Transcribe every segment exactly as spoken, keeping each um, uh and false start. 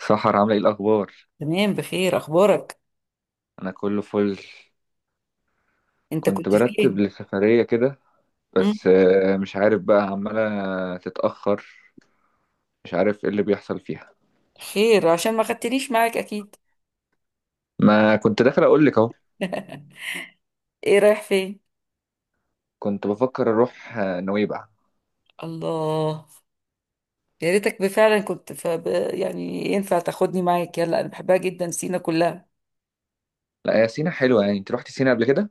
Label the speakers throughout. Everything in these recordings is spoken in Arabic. Speaker 1: سحر عاملة ايه الأخبار؟
Speaker 2: تمام، بخير. اخبارك؟
Speaker 1: أنا كله فل.
Speaker 2: انت
Speaker 1: كنت
Speaker 2: كنت
Speaker 1: برتب
Speaker 2: فين؟
Speaker 1: لسفرية كده
Speaker 2: امم.
Speaker 1: بس آه، مش عارف بقى عمالة تتأخر. مش عارف ايه اللي بيحصل فيها.
Speaker 2: خير؟ عشان ما خدتنيش معاك اكيد.
Speaker 1: ما كنت داخل أقولك أهو.
Speaker 2: ايه، رايح فين؟
Speaker 1: كنت بفكر أروح آه، نويبع.
Speaker 2: الله. يا ريتك فعلا كنت فب... يعني ينفع تاخدني معاك؟ يلا انا بحبها جدا، سينا كلها.
Speaker 1: لا يا سينا حلوة، يعني أنت روحتي سينا قبل كده؟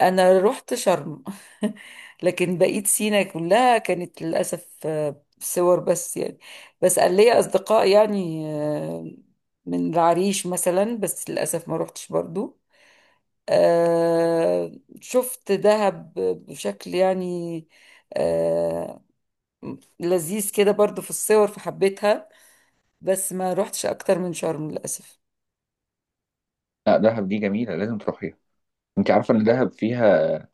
Speaker 2: انا رحت شرم. لكن بقيت سينا كلها كانت للاسف آه، صور بس يعني. بس قال لي اصدقاء يعني آه، من العريش مثلا، بس للاسف ما رحتش برضو. آه شفت دهب بشكل يعني آه لذيذ كده برضو في الصور فحبيتها. بس ما روحتش اكتر من شرم للاسف.
Speaker 1: لا دهب دي جميلة، لازم تروحيها. أنت عارفة إن دهب فيها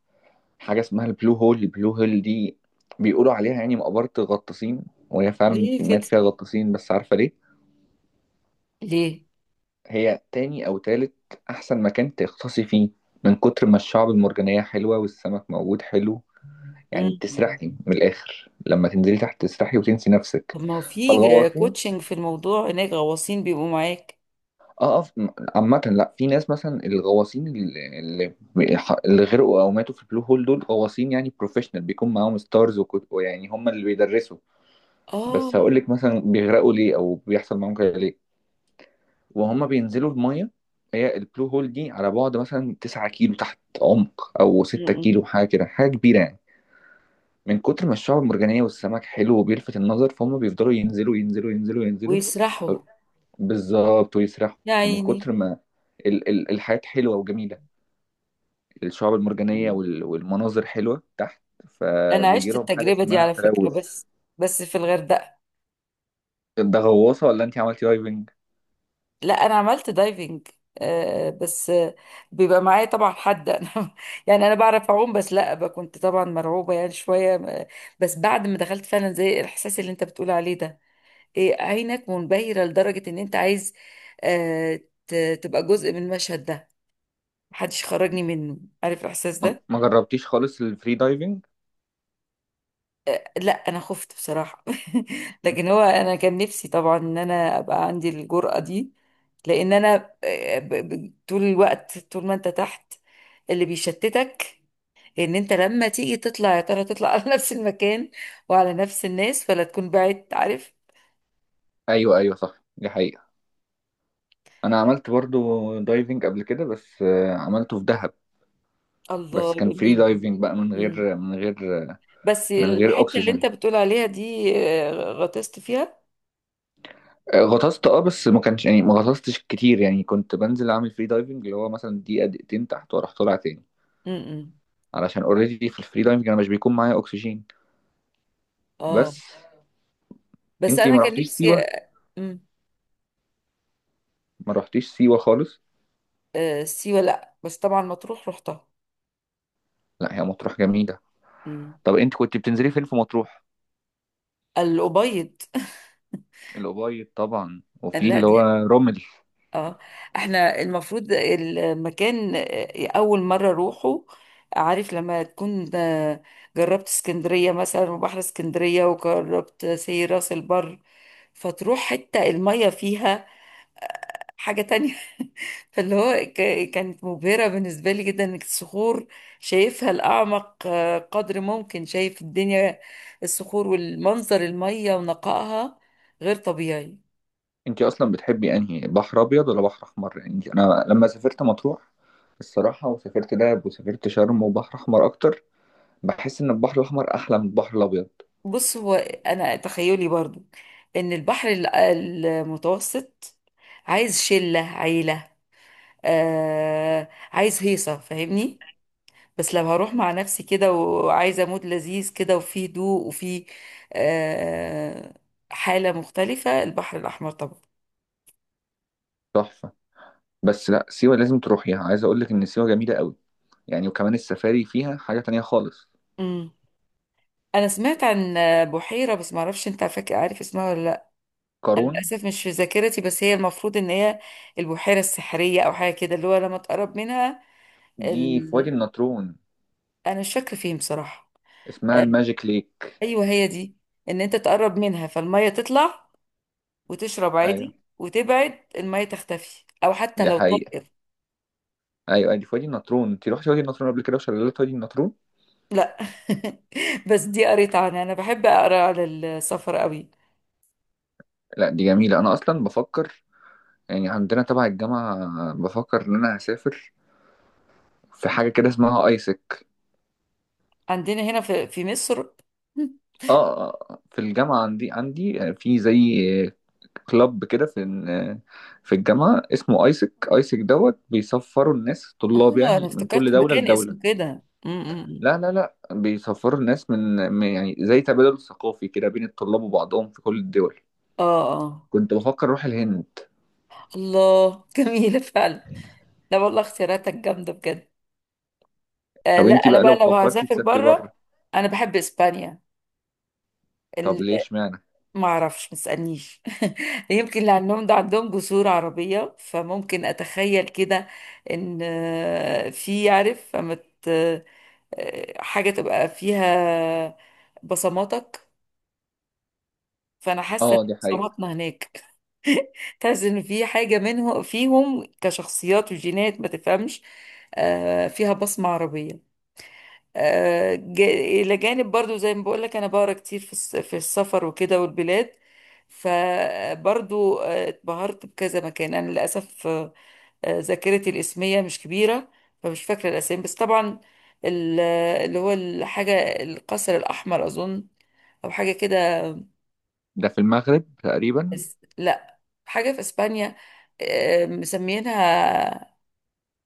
Speaker 1: حاجة اسمها البلو هول؟ البلو هول دي بيقولوا عليها يعني مقبرة الغطاسين، وهي فعلا
Speaker 2: ليه
Speaker 1: في- مات
Speaker 2: كده؟
Speaker 1: فيها غطاسين، بس عارفة ليه؟
Speaker 2: ليه؟
Speaker 1: هي تاني أو تالت أحسن مكان تغطسي فيه، من كتر ما الشعب المرجانية حلوة والسمك موجود حلو. يعني
Speaker 2: مم.
Speaker 1: بتسرحي من الآخر، لما تنزلي تحت تسرحي وتنسي نفسك.
Speaker 2: طب ما هو في
Speaker 1: فالغواصين،
Speaker 2: كوتشنج في الموضوع، هناك غواصين بيبقوا معاك؟
Speaker 1: اه اه م- عامة لا، في ناس مثلا الغواصين اللي, اللي اللي غرقوا أو ماتوا في البلو هول دول غواصين يعني بروفيشنال، بيكون معاهم ستارز وكت- ويعني هم اللي بيدرسوا. بس
Speaker 2: اه.
Speaker 1: هقول لك مثلا بيغرقوا ليه أو بيحصل معاهم كده ليه. وهم بينزلوا المية، هي البلو هول دي على بعد مثلا تسعة كيلو تحت عمق، أو ستة
Speaker 2: مم.
Speaker 1: كيلو، حاجة كده، حاجة كبيرة يعني. من كتر ما الشعب المرجانية والسمك حلو وبيلفت النظر، فهم بيفضلوا ينزلوا ينزلوا ينزلوا ينزلوا. ف-
Speaker 2: ويسرحوا.
Speaker 1: بالظبط، ويسرحوا.
Speaker 2: يا
Speaker 1: من
Speaker 2: عيني.
Speaker 1: كتر ما ال ال الحياة حلوة وجميلة، الشعب المرجانية
Speaker 2: مم.
Speaker 1: وال والمناظر حلوة تحت،
Speaker 2: انا
Speaker 1: فبيجي
Speaker 2: عشت
Speaker 1: لهم حاجة
Speaker 2: التجربة دي
Speaker 1: اسمها
Speaker 2: على فكرة،
Speaker 1: تلوث.
Speaker 2: بس بس في الغردقة.
Speaker 1: ده غواصة ولا انت عملتي دايفنج؟
Speaker 2: لا، انا عملت دايفنج. آه بس آه بيبقى معايا طبعا حد. انا يعني انا بعرف اعوم، بس لا ب- كنت طبعا مرعوبه يعني شويه آه، بس بعد ما دخلت فعلا زي الاحساس اللي انت بتقول عليه ده، إيه؟ عينك منبهره لدرجه ان انت عايز آه ت- تبقى جزء من المشهد ده. محدش خرجني منه. عارف الاحساس
Speaker 1: ما
Speaker 2: ده؟
Speaker 1: ما جربتيش خالص الفري دايفنج؟
Speaker 2: لا، انا خفت بصراحه. لكن هو انا كان نفسي طبعا ان انا ابقى عندي الجرأة دي، لان انا آه، ب- ب- طول الوقت، طول ما انت تحت اللي بيشتتك ان انت لما تيجي تطلع، يا ترى تطلع على نفس المكان وعلى نفس الناس ولا تكون بعدت، عارف؟
Speaker 1: ايوه، ايوه، صح، دي حقيقة. انا عملت برضو دايفنج قبل كده بس آه، عملته في دهب. بس
Speaker 2: الله،
Speaker 1: كان فري
Speaker 2: جميل.
Speaker 1: دايفنج بقى، من
Speaker 2: مم.
Speaker 1: غير من غير
Speaker 2: بس
Speaker 1: من غير
Speaker 2: الحته اللي
Speaker 1: اكسجين.
Speaker 2: انت بتقول عليها دي آه، غطست فيها.
Speaker 1: آه، غطست، اه، بس ما كانش يعني ما غطستش كتير، يعني كنت بنزل اعمل فري دايفنج اللي هو مثلا دقيقة دقيقتين تحت واروح طالع تاني.
Speaker 2: امم.
Speaker 1: علشان اوريدي في الفري دايفنج انا مش بيكون معايا اكسجين.
Speaker 2: اه،
Speaker 1: بس
Speaker 2: بس
Speaker 1: انتي
Speaker 2: انا
Speaker 1: ما
Speaker 2: كان
Speaker 1: رحتيش
Speaker 2: نفسي
Speaker 1: سيوة؟
Speaker 2: آه، مم.
Speaker 1: ما رحتيش سيوة خالص؟
Speaker 2: آه، سيوه؟ لا، بس طبعا مطروح رحتها.
Speaker 1: لا هي مطروح جميلة.
Speaker 2: مم.
Speaker 1: طب انت كنت بتنزلي فين في مطروح؟
Speaker 2: الأبيض.
Speaker 1: الأوبايد طبعا، وفي
Speaker 2: لا
Speaker 1: اللي هو
Speaker 2: دي.
Speaker 1: رمل.
Speaker 2: اه. احنا المفروض المكان آه، أول مرة أروحه. عارف لما تكون آه، جربت اسكندرية مثلا، وبحر اسكندرية، وجربت سي راس البر، فتروح حتة المية فيها حاجة تانية. فاللي هو ك- كانت مبهرة بالنسبة لي جدا، انك الصخور شايفها الأعمق آه، قدر ممكن، شايف الدنيا، الصخور والمنظر، المية ونقائها، غير طبيعي.
Speaker 1: انت اصلا بتحبي انهي، بحر ابيض ولا بحر احمر؟ يعني انت، انا لما سافرت مطروح الصراحه وسافرت دهب وسافرت شرم، وبحر احمر اكتر، بحس ان البحر الاحمر احلى من البحر الابيض.
Speaker 2: بص، هو انا تخيلي برضو ان البحر ال- المتوسط عايز شلة عيلة. آه عايز هيصة، فاهمني؟ بس لو هروح مع نفسي كده وعايزة مود لذيذ كده وفيه هدوء وفيه آه حالة مختلفة، البحر الأحمر طبعا.
Speaker 1: تحفه. بس لا، سيوه لازم تروحيها، عايز اقول لك ان سيوه جميله قوي، يعني وكمان السفاري فيها حاجه تانية خالص.
Speaker 2: امم. انا سمعت عن بحيرة، بس معرفش، انت فاكر عارف اسمها ولا لا؟ انا
Speaker 1: قارون؟
Speaker 2: للاسف مش في ذاكرتي، بس هي المفروض ان هي البحيرة السحرية او حاجة كده، اللي هو لما تقرب منها.
Speaker 1: دي في وادي النطرون.
Speaker 2: انا مش فاكره فين بصراحه.
Speaker 1: اسمها
Speaker 2: آه،
Speaker 1: الماجيك ليك.
Speaker 2: ايوه، هي دي. ان انت تقرب منها فالميه تطلع وتشرب
Speaker 1: ايوه
Speaker 2: عادي، وتبعد الميه تختفي، او حتى
Speaker 1: دي
Speaker 2: لو
Speaker 1: حقيقه.
Speaker 2: طائر.
Speaker 1: ايوه، أيوة، دي في وادي النطرون. انت رحتي وادي النطرون قبل كده وشلالات وادي النطرون؟
Speaker 2: لا. بس دي قريت عنها، انا بحب اقرا على السفر قوي.
Speaker 1: لا دي جميله. انا اصلا بفكر، يعني عندنا تبع الجامعة، بفكر إن أنا هسافر في حاجة كده اسمها ايسك.
Speaker 2: عندنا هنا في في مصر.
Speaker 1: اه، آه، آه، في الجامعة عندي عندي في زي كلاب كده، في في الجامعة اسمه ايسك. ايسك دوت بيسفروا الناس
Speaker 2: اه.
Speaker 1: طلاب،
Speaker 2: انا
Speaker 1: يعني من كل
Speaker 2: افتكرت
Speaker 1: دولة
Speaker 2: مكان
Speaker 1: لدولة.
Speaker 2: اسمه كده م- م- م.
Speaker 1: لا لا لا، بيسفروا الناس من من- يعني زي تبادل ثقافي كده بين الطلاب وبعضهم في كل الدول.
Speaker 2: اه، اه.
Speaker 1: كنت بفكر اروح الهند.
Speaker 2: الله. جميله فعلا. لا والله، اختياراتك جامده بجد. آه
Speaker 1: طب
Speaker 2: لا،
Speaker 1: انتي
Speaker 2: انا
Speaker 1: بقى
Speaker 2: بقى
Speaker 1: لو
Speaker 2: لو
Speaker 1: فكرتي
Speaker 2: هسافر
Speaker 1: تسافري بره؟
Speaker 2: بره انا بحب اسبانيا.
Speaker 1: طب ليش معنى؟
Speaker 2: ما اعرفش، ما تسالنيش. يمكن اللي عندهم ده عندهم جسور عربية، فممكن اتخيل كده ان آه، في، عارف، فما ت- آه، حاجة تبقى فيها بصماتك. فانا حاسة ان
Speaker 1: اه دي حقيقة.
Speaker 2: بصماتنا هناك. تحس ان في حاجة منهم فيهم، كشخصيات وجينات ما تفهمش آه، فيها بصمة عربية. آه، جا- إلى جانب برضو زي ما بقولك، أنا بقرا كتير في الس- في السفر وكده والبلاد. فبرضو آه، اتبهرت بكذا مكان. أنا للأسف آه، آه، ذاكرتي الاسمية مش كبيرة، فمش فاكرة الأسامي. بس طبعا ال- اللي هو الحاجة، القصر الأحمر أظن، أو حاجة كده.
Speaker 1: ده في المغرب تقريبا.
Speaker 2: بس لا، حاجة في إسبانيا آه، مسمينها،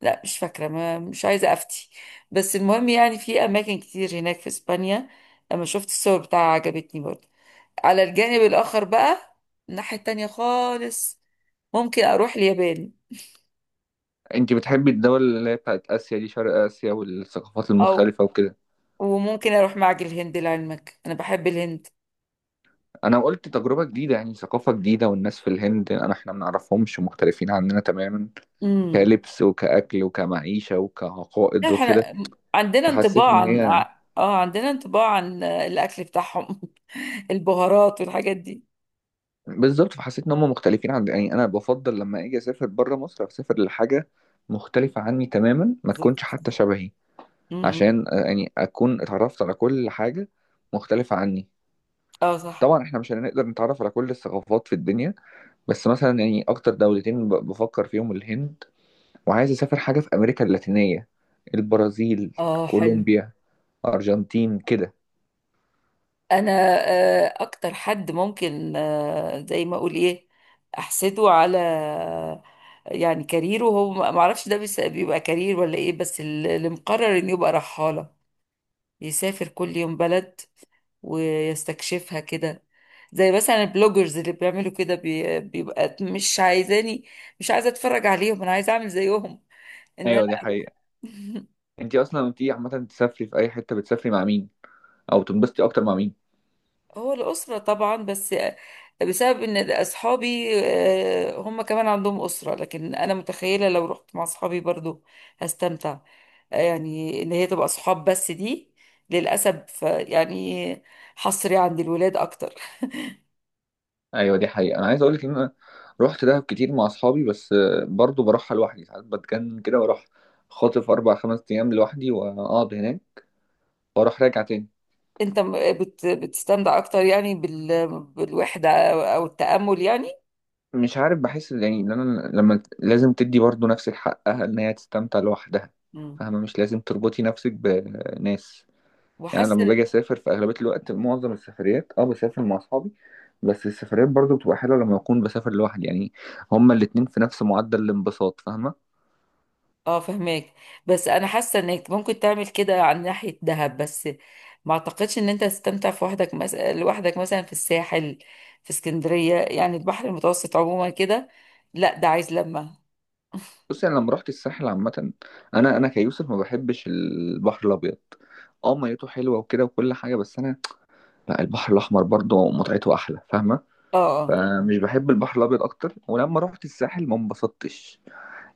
Speaker 2: لا مش فاكرة، ما مش عايزة أفتي. بس المهم يعني في أماكن كتير هناك في إسبانيا. أما شفت الصور بتاعها عجبتني برضه، على الجانب الآخر بقى، الناحية التانية خالص. ممكن أروح اليابان،
Speaker 1: انت بتحبي الدول اللي هي بتاعت اسيا دي، شرق اسيا والثقافات
Speaker 2: أو
Speaker 1: المختلفه وكده؟
Speaker 2: وممكن أروح معجل الهند، لعلمك أنا بحب الهند.
Speaker 1: انا قلت تجربه جديده يعني، ثقافه جديده، والناس في الهند انا احنا ما نعرفهمش، مختلفين عننا تماما.
Speaker 2: امم.
Speaker 1: كلبس وكاكل وكمعيشه
Speaker 2: لا،
Speaker 1: وكعقائد وكده.
Speaker 2: احنا عندنا
Speaker 1: فحسيت
Speaker 2: انطباع
Speaker 1: ان
Speaker 2: عن
Speaker 1: هي،
Speaker 2: ع- اه، عندنا انطباع عن الأكل بتاعهم. البهارات والحاجات دي.
Speaker 1: بالظبط، فحسيت ان هم مختلفين عن، يعني انا بفضل لما اجي اسافر بره مصر اسافر لحاجه مختلفه عني تماما، ما
Speaker 2: بالظبط
Speaker 1: تكونش حتى
Speaker 2: صح.
Speaker 1: شبهي.
Speaker 2: امم.
Speaker 1: عشان آه، يعني اكون اتعرفت على كل حاجه مختلفه عني.
Speaker 2: اه صح.
Speaker 1: طبعا احنا مش هنقدر نتعرف على كل الثقافات في الدنيا، بس مثلا يعني اكتر دولتين ب- بفكر فيهم الهند، وعايز اسافر حاجه في امريكا اللاتينيه، البرازيل،
Speaker 2: اه حلو.
Speaker 1: كولومبيا، ارجنتين كده.
Speaker 2: انا آه، اكتر حد ممكن آه، زي ما اقول ايه، احسده على، يعني كاريره. هو ما اعرفش ده بيس- بيبقى كارير ولا ايه، بس ال- اللي مقرر انه يبقى رحالة، يسافر كل يوم بلد ويستكشفها كده. زي مثلا البلوجرز اللي بيعملوا كده بي- بيبقى مش عايزاني، مش عايزة اتفرج عليهم، انا عايزة اعمل زيهم، ان انا
Speaker 1: ايوه دي
Speaker 2: اروح.
Speaker 1: حقيقه. انتي اصلا وانتي عامه تسافري في اي حته بتسافري مع مين؟ او تنبسطي اكتر مع مين؟
Speaker 2: هو الأسرة طبعا، بس بسبب إن أصحابي آه، هم كمان عندهم أسرة، لكن أنا متخيلة لو رحت مع أصحابي برضو هستمتع. آه، يعني إن هي تبقى أصحاب، بس دي للأسف آه، يعني حصري عند الولاد أكتر.
Speaker 1: ايوه دي حقيقه، انا عايز اقولك ان انا رحت دهب كتير مع اصحابي بس آه، برضو بروحها لوحدي ساعات، بتجنن كده، واروح خاطف اربع خمس ايام لوحدي واقعد هناك واروح راجع تاني.
Speaker 2: أنت م- بت- بتستمتع أكتر يعني بال- بالوحدة أو أو التأمل يعني؟
Speaker 1: مش عارف، بحس يعني ان انا لما، لازم تدي برضو نفسك حقها ان هي تستمتع لوحدها،
Speaker 2: مم.
Speaker 1: فاهمة؟ مش لازم تربطي نفسك بناس. يعني أنا
Speaker 2: وحاسة
Speaker 1: لما باجي
Speaker 2: إن
Speaker 1: اسافر في اغلبية الوقت معظم السفريات اه بسافر مع اصحابي، بس السفريات برضو بتبقى حلوة لما اكون بسافر لوحدي يعني. هما الاتنين في نفس معدل الانبساط، فاهمة؟
Speaker 2: اه، فهماك. بس انا حاسه انك ممكن تعمل كده عن ناحيه دهب، بس ما اعتقدش ان انت تستمتع في وحدك مثلا، لوحدك مثلا، في الساحل، في اسكندريه يعني، البحر المتوسط عموما كده. لا ده عايز لمه.
Speaker 1: بصي يعني انا لما رحت الساحل عامة، انا انا كيوسف ما بحبش البحر الابيض. اه ميته حلوة وكده وكل حاجة بس انا لا، البحر الاحمر برضو متعته احلى، فاهمة؟
Speaker 2: اه، اه.
Speaker 1: فمش بحب البحر الابيض اكتر، ولما رحت الساحل ما انبسطتش.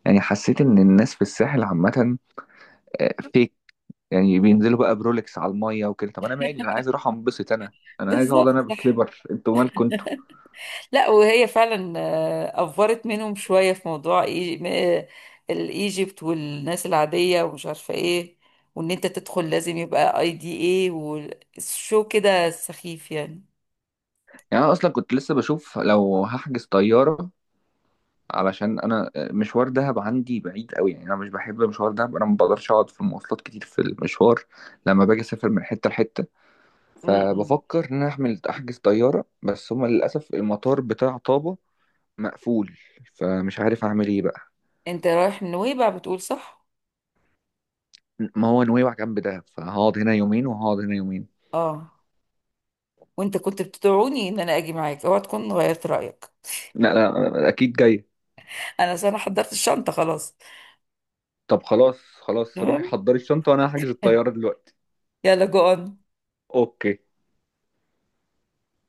Speaker 1: يعني حسيت ان الناس في الساحل عامه، آه، فيك يعني بينزلوا بقى برولكس على الميه وكده، طب انا مالي، انا عايز اروح انبسط، انا انا عايز اقعد
Speaker 2: بالظبط
Speaker 1: انا
Speaker 2: صح.
Speaker 1: بسليبر، انتوا مالكم انتوا.
Speaker 2: لا وهي فعلا آه، افورت منهم شويه في موضوع إي- م- آه، الايجيبت والناس العاديه ومش عارفه ايه، وان انت تدخل لازم يبقى اي دي ايه والشو كده، سخيف يعني.
Speaker 1: يعني انا اصلا كنت لسه بشوف لو هحجز طياره، علشان انا آه، مشوار دهب عندي بعيد قوي، يعني انا مش بحب مشوار دهب، انا ما بقدرش اقعد في المواصلات كتير في المشوار لما باجي اسافر من حته لحته.
Speaker 2: م- م.
Speaker 1: فبفكر ان انا احمل احجز طياره، بس هما للاسف المطار بتاع طابا مقفول، فمش عارف اعمل ايه بقى.
Speaker 2: انت رايح من نويبع، بتقول، صح؟
Speaker 1: ما هو نويبع جنب دهب، فهقعد هنا يومين وهقعد هنا يومين.
Speaker 2: اه. وانت كنت بتدعوني ان انا اجي معاك، اوعى تكون غيرت رايك.
Speaker 1: لا لا، اكيد جاي.
Speaker 2: انا أصل انا حضرت الشنطه خلاص.
Speaker 1: طب خلاص خلاص، روحي
Speaker 2: المهم.
Speaker 1: حضري الشنطه وانا هحجز الطياره دلوقتي.
Speaker 2: يلا جو.
Speaker 1: اوكي.